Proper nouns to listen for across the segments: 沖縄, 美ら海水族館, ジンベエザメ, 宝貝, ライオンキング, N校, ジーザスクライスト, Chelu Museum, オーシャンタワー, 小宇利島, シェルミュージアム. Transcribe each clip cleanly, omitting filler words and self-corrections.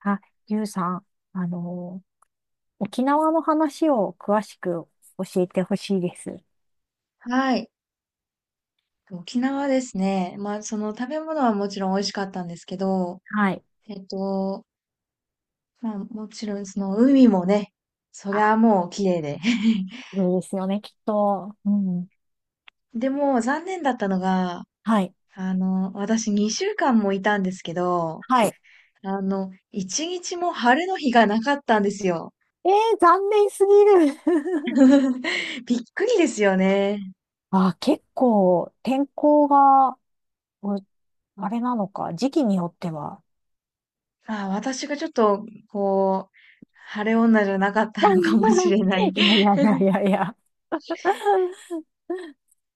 あ、ゆうさん、あの、沖縄の話を詳しく教えてほしいです。はい。沖縄ですね。まあ、その食べ物はもちろん美味しかったんですけど、はい。えっと、まあ、もちろんその海もね、そりゃもう綺麗で。そうですよね、きっと。うん。でも残念だったのが、はい。私2週間もいたんですけど、はい。1日も晴れの日がなかったんですよ。残念すぎる。びっくりですよね。あ、結構、天候が、うあれなのか、時期によっては。まあ私がちょっと、こう、晴れ女じゃなかったのかもしれない。いやいやいやいやいや。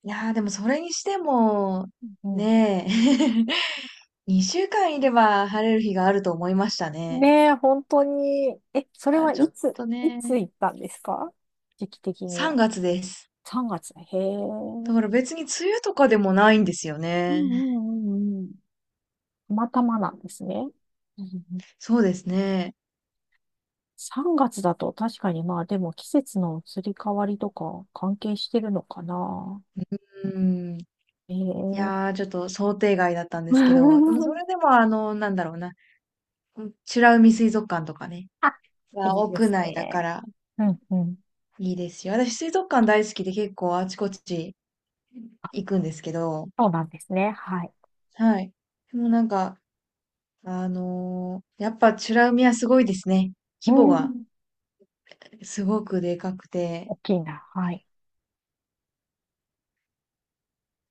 でもそれにしても、うん。ねえ、2週間いれば晴れる日があると思いましたね。ねえ、本当に。え、それあ、はちょっといね、つ行ったんですか？時期的に3は。月です。3月。へえ。だから別に梅雨とかでもないんですようね。んうんうんうん。たまたまなんですね。うんうん。そうですね。3月だと確かにまあでも季節の移り変わりとか関係してるのかな。うん。ええ。 ちょっと想定外だったんですけど、でもそ れでもあの、なんだろうな、うん、美ら海水族館とかね、あ、いはいで屋す内だかね。らうんうん。いいですよ。私水族館大好きで結構あちこち行くんですけど、そうなんですね。はい。はい。でもなんか、やっぱチュラ海はすごいですね。う規模がん。すごくでかくて。大きいな。はい。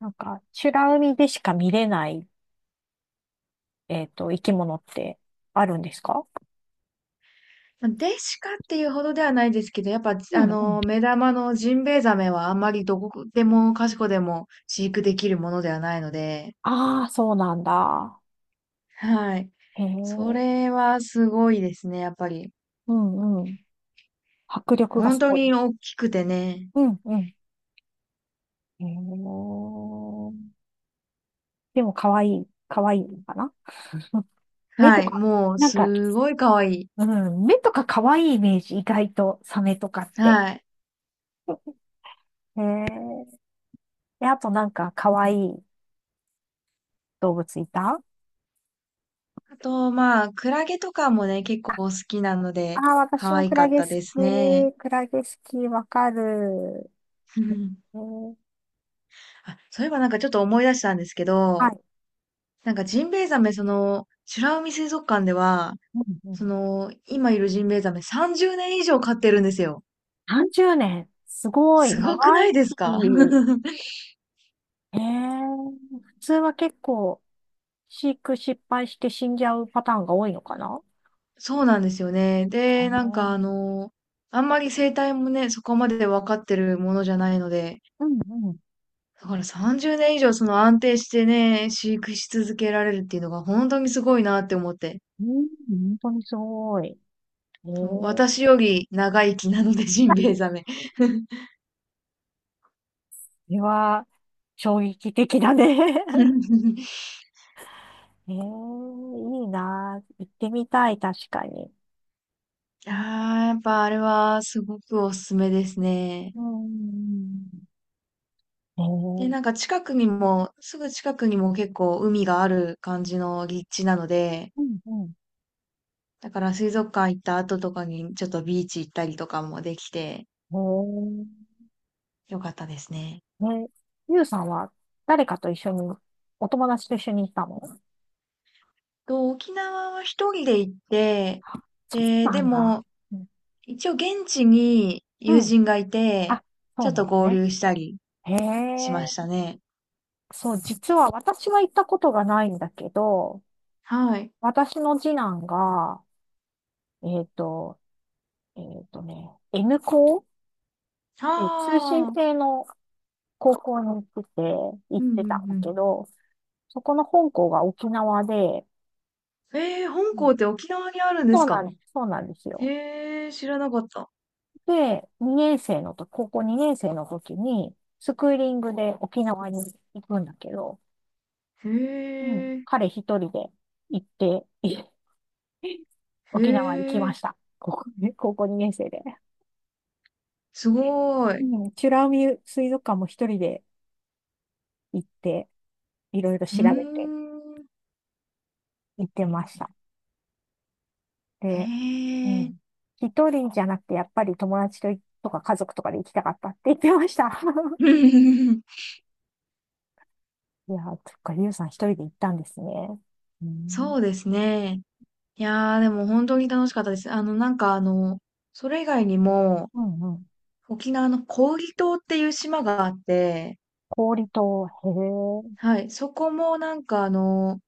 なんか、美ら海でしか見れない、生き物ってあるんですか？まあデシカっていうほどではないですけど、やっぱ、うあんうん。のー目玉のジンベエザメはあんまりどこでもかしこでも飼育できるものではないので、ああ、そうなんだ。はい。へそえ。れはすごいですね、やっぱり。うんうん。迫力が本す当ごい。に大きくてね。うんうん。えー、でも可愛い、可愛いのかな？目とはい。か、もう、なんか、すごい可愛い。うん、目とか可愛いイメージ、意外とサメとかって。はい。えー、で、あとなんか可愛い動物いた？あと、まあ、クラゲとかもね、結構あ、好きなのあで、ー、可私も愛クかラっゲた好ですね。き。クラゲ好き、わかる。えー、あ、そういえばなんかちょっと思い出したんですけはど、い。なんかジンベエザメ、その、美ら海水族館では、うんうそん、の、今いるジンベエザメ30年以上飼ってるんですよ。30年。すごい、す長ごくな生いですか？ き。えー、普通は結構、飼育失敗して死んじゃうパターンが多いのかな？そうなんですよね。で、えあんまり生態もね、そこまで分かってるものじゃないので、うんうん。だから30年以上その安定してね、飼育し続けられるっていうのが本当にすごいなって思って。うん、本当にすごい。そう、そ私より長生きなので、ジンベエザメ。れは衝撃的だね。 いいな。行ってみたい、確かに。うん。ああ、やっぱあれはすごくおすすめですね。えんで、うなんか近くにも、すぐ近くにも結構海がある感じの立地なので、んうん。だから水族館行った後とかにちょっとビーチ行ったりとかもできてよかったですね。えええゆうさんは誰かと一緒に、お友達と一緒に行ったの？そ沖縄は一人で行って、うで、なでんだ。もうん。一応現地にう友ん、人がいて、あ、そちょうっなとん合ね。流したりへしまえ。したね。そう、実は私は行ったことがないんだけど、はい。私の次男が、えっと、N 校、通信ああ、制の高校に行ってて、行っうんうてたんだけんど、そこの本校が沖縄で、うん。えー、う本ん、校って沖縄にあるんですか？そうなんですよ。へえ、知らなかった。で、2年生のと、高校2年生の時に、スクーリングで沖縄に行くんだけど、へうん、え、彼一人で行って、へ沖縄に来まえ、した。高校ね、高校2年生で。すごうい。ん、美ら海水族館も一人で行って、いろいろうー調べて。ん、行ってました。へで、うえ。ん。一人じゃなくて、やっぱり友達ととか家族とかで行きたかったって言ってました。いやー、そっか、ゆうさん一人で行ったんですね。うん。そうですね。いやー、でも本当に楽しかったです。それ以外にも、うんうん。沖縄の小宇利島っていう島があって、氷と、へえ。はい、そこもなんかあの、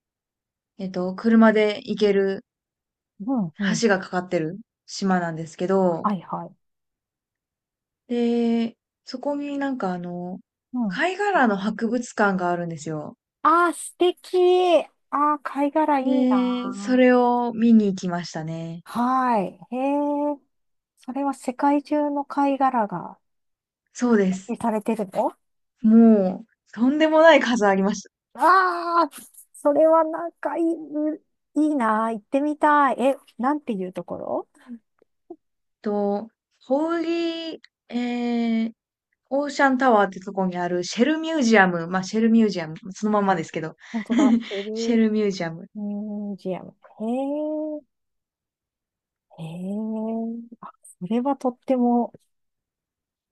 えっと、車で行けるうんうん。橋がかかってる島なんですけど、はいはい。で、そこにうん。貝殻の博物館があるんですよ。ああ、素敵。ああ、貝殻いいで、そなー。れを見に行きましたね。はい。へえ。それは世界中の貝殻がそうで展す。示されてるの？もう、とんでもない数ありました。ああ、それはなんかいいなあ、行ってみたい。え、なんていうところ？と、ホーリー、えー、オーシャンタワーってとこにあるシェルミュージアム。まあ、シェルミュージアム。そのまんえ、まですけど。本当だ、チェシェルルミュージアム。ミュージアム。へえ、へえ、あ、それはとっても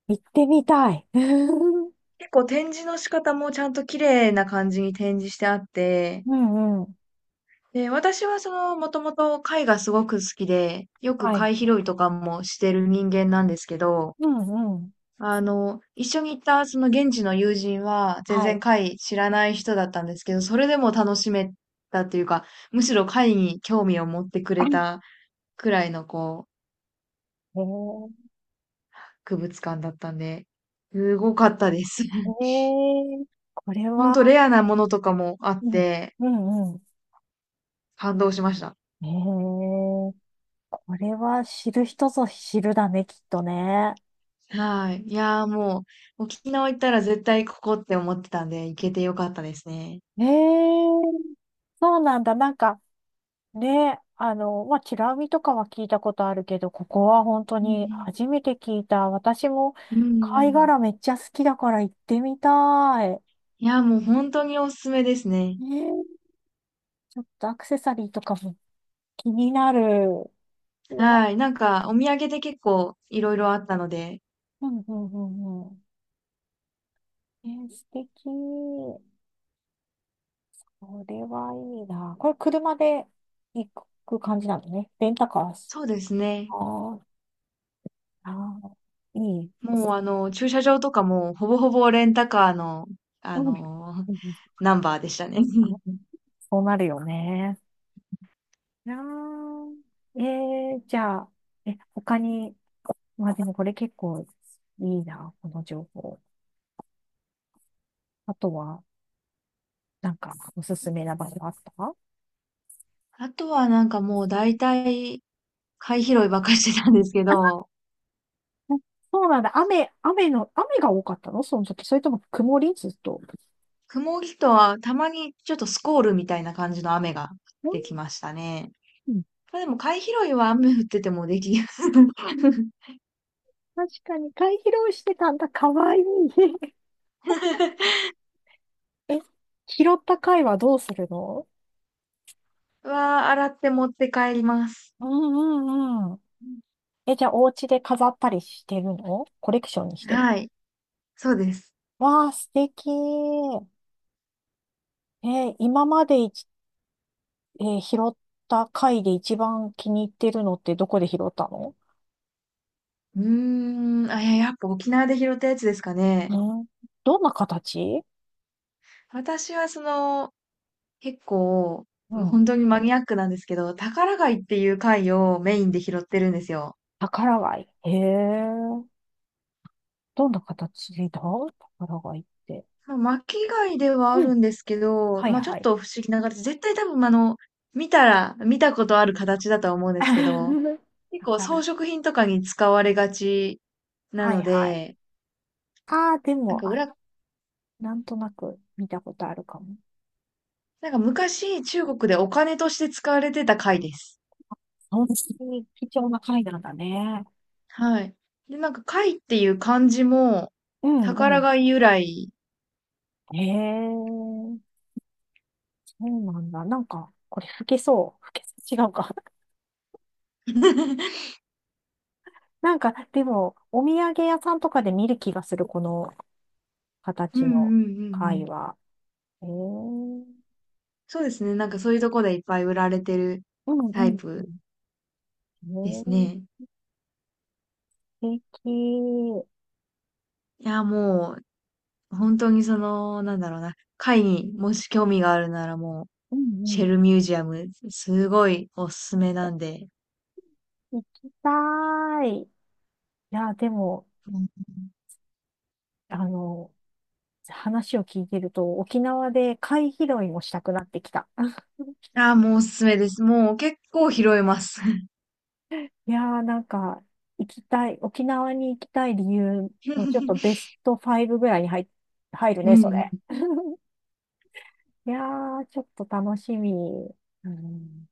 行ってみたい。う結構展示の仕方もちゃんと綺麗な感じに展示してあって、んうん。で、私はその、もともと貝がすごく好きで、よくはい。貝拾いとかもしてる人間なんですけど、うんうん。あの、一緒に行ったその現地の友人は全は然い。貝知らない人だったんですけど、それでも楽しめたというか、むしろ貝に興味を持ってく あ、れたくらいのこう、へえ、博物館だったんで、すごかったです。へ え、これほんとは、レアなものとかもあっうん、て、うんうん。感動しました。へえ、これは知る人ぞ知るだね、きっとね。はい。いやー、もう、沖縄行ったら絶対ここって思ってたんで、行けてよかったですね。ええ、そうなんだ。なんかね、まあ、チラ見とかは聞いたことあるけど、ここは本当うにん初めて聞いた。私もうんうんう貝ん。殻めっちゃ好きだから行ってみたい。いやー、もう本当におすすめですね。ねえ、ちょっとアクセサリーとかも気になる。うわ、はい。なんか、お土産で結構いろいろあったので、うんうんうんうん。え、素敵。これはいいな。これ車で行く感じなのね。レンタカーし。そうですね。ああああ、いい。もうあの、駐車場とかもほぼほぼレンタカーの、あうん。のうんうん、ナンバーでしたね。そうなるよね。なあ。えじゃあ、他に、まあでもこれ結構いいな、この情報。あとは、なんか、おすすめな場所あった？あとはなんかもう大体、貝拾いばっかりしてたんですけど、うん、そうなんだ。雨が多かったの、その時？それとも曇りずっと？雲木とはたまにちょっとスコールみたいな感じの雨が降ってきましたね。うん。まあ、でも貝拾いは雨降っててもできる。確かに、貝拾いしてたんだ。かわいい。え、拾った貝はどうするの？は洗って持って帰ります。うんうんうん。え、じゃあ、お家で飾ったりしてるの？コレクションにしてる？はい。そうです。わあ、素敵。今までいち、えー拾った貝で一番気に入ってるのってどこで拾ったの？うーん。あ、いや、やっぱ沖縄で拾ったやつですかうね。ん、どんな形？私はその、結構、うもうん。本当にマニアックなんですけど、宝貝っていう貝をメインで拾ってるんですよ。宝貝。へえ。どんな形だ、宝貝って？まあ巻き貝ではあうん。るんですけど、はいまあちょっはい。と不思議な形、絶対多分あの、見たら、見たことある形だとは思うんですけど、結構装宝。飾品とかに使われがちなはのいはい。で、ああ、でなんも、かあ、裏、なんとなく見たことあるかも。なんか昔中国でお金として使われてた貝です。本当に貴重な貝なんだね。はい。で、なんか貝っていう漢字もうんう宝ん。貝由来。へえ。そうなんだ。なんか、これ吹けそう。吹けそう。違うか。なんか、でも、お土産屋さんとかで見る気がする、このうんう形んうのんう貝ん。は。うんそうですね。なんかそういうとこでいっぱい売られてるうんタイうプん。えですー、ね。素敵。いや、もう本当にその、なんだろうな。貝にもし興味があるならもう、うんうシん。ェルミュージアム、すごいおすすめなんで。行きたい。いや、でも、あの、話を聞いてると、沖縄で貝拾いもしたくなってきた。ああ、もうおすすめです。もう結構拾えます。いやー、なんか、行きたい、沖縄に行きたい理由のちょっとベ スト5ぐらいに入るうね、んそうれ。ん。いやー、ちょっと楽しみ。うん。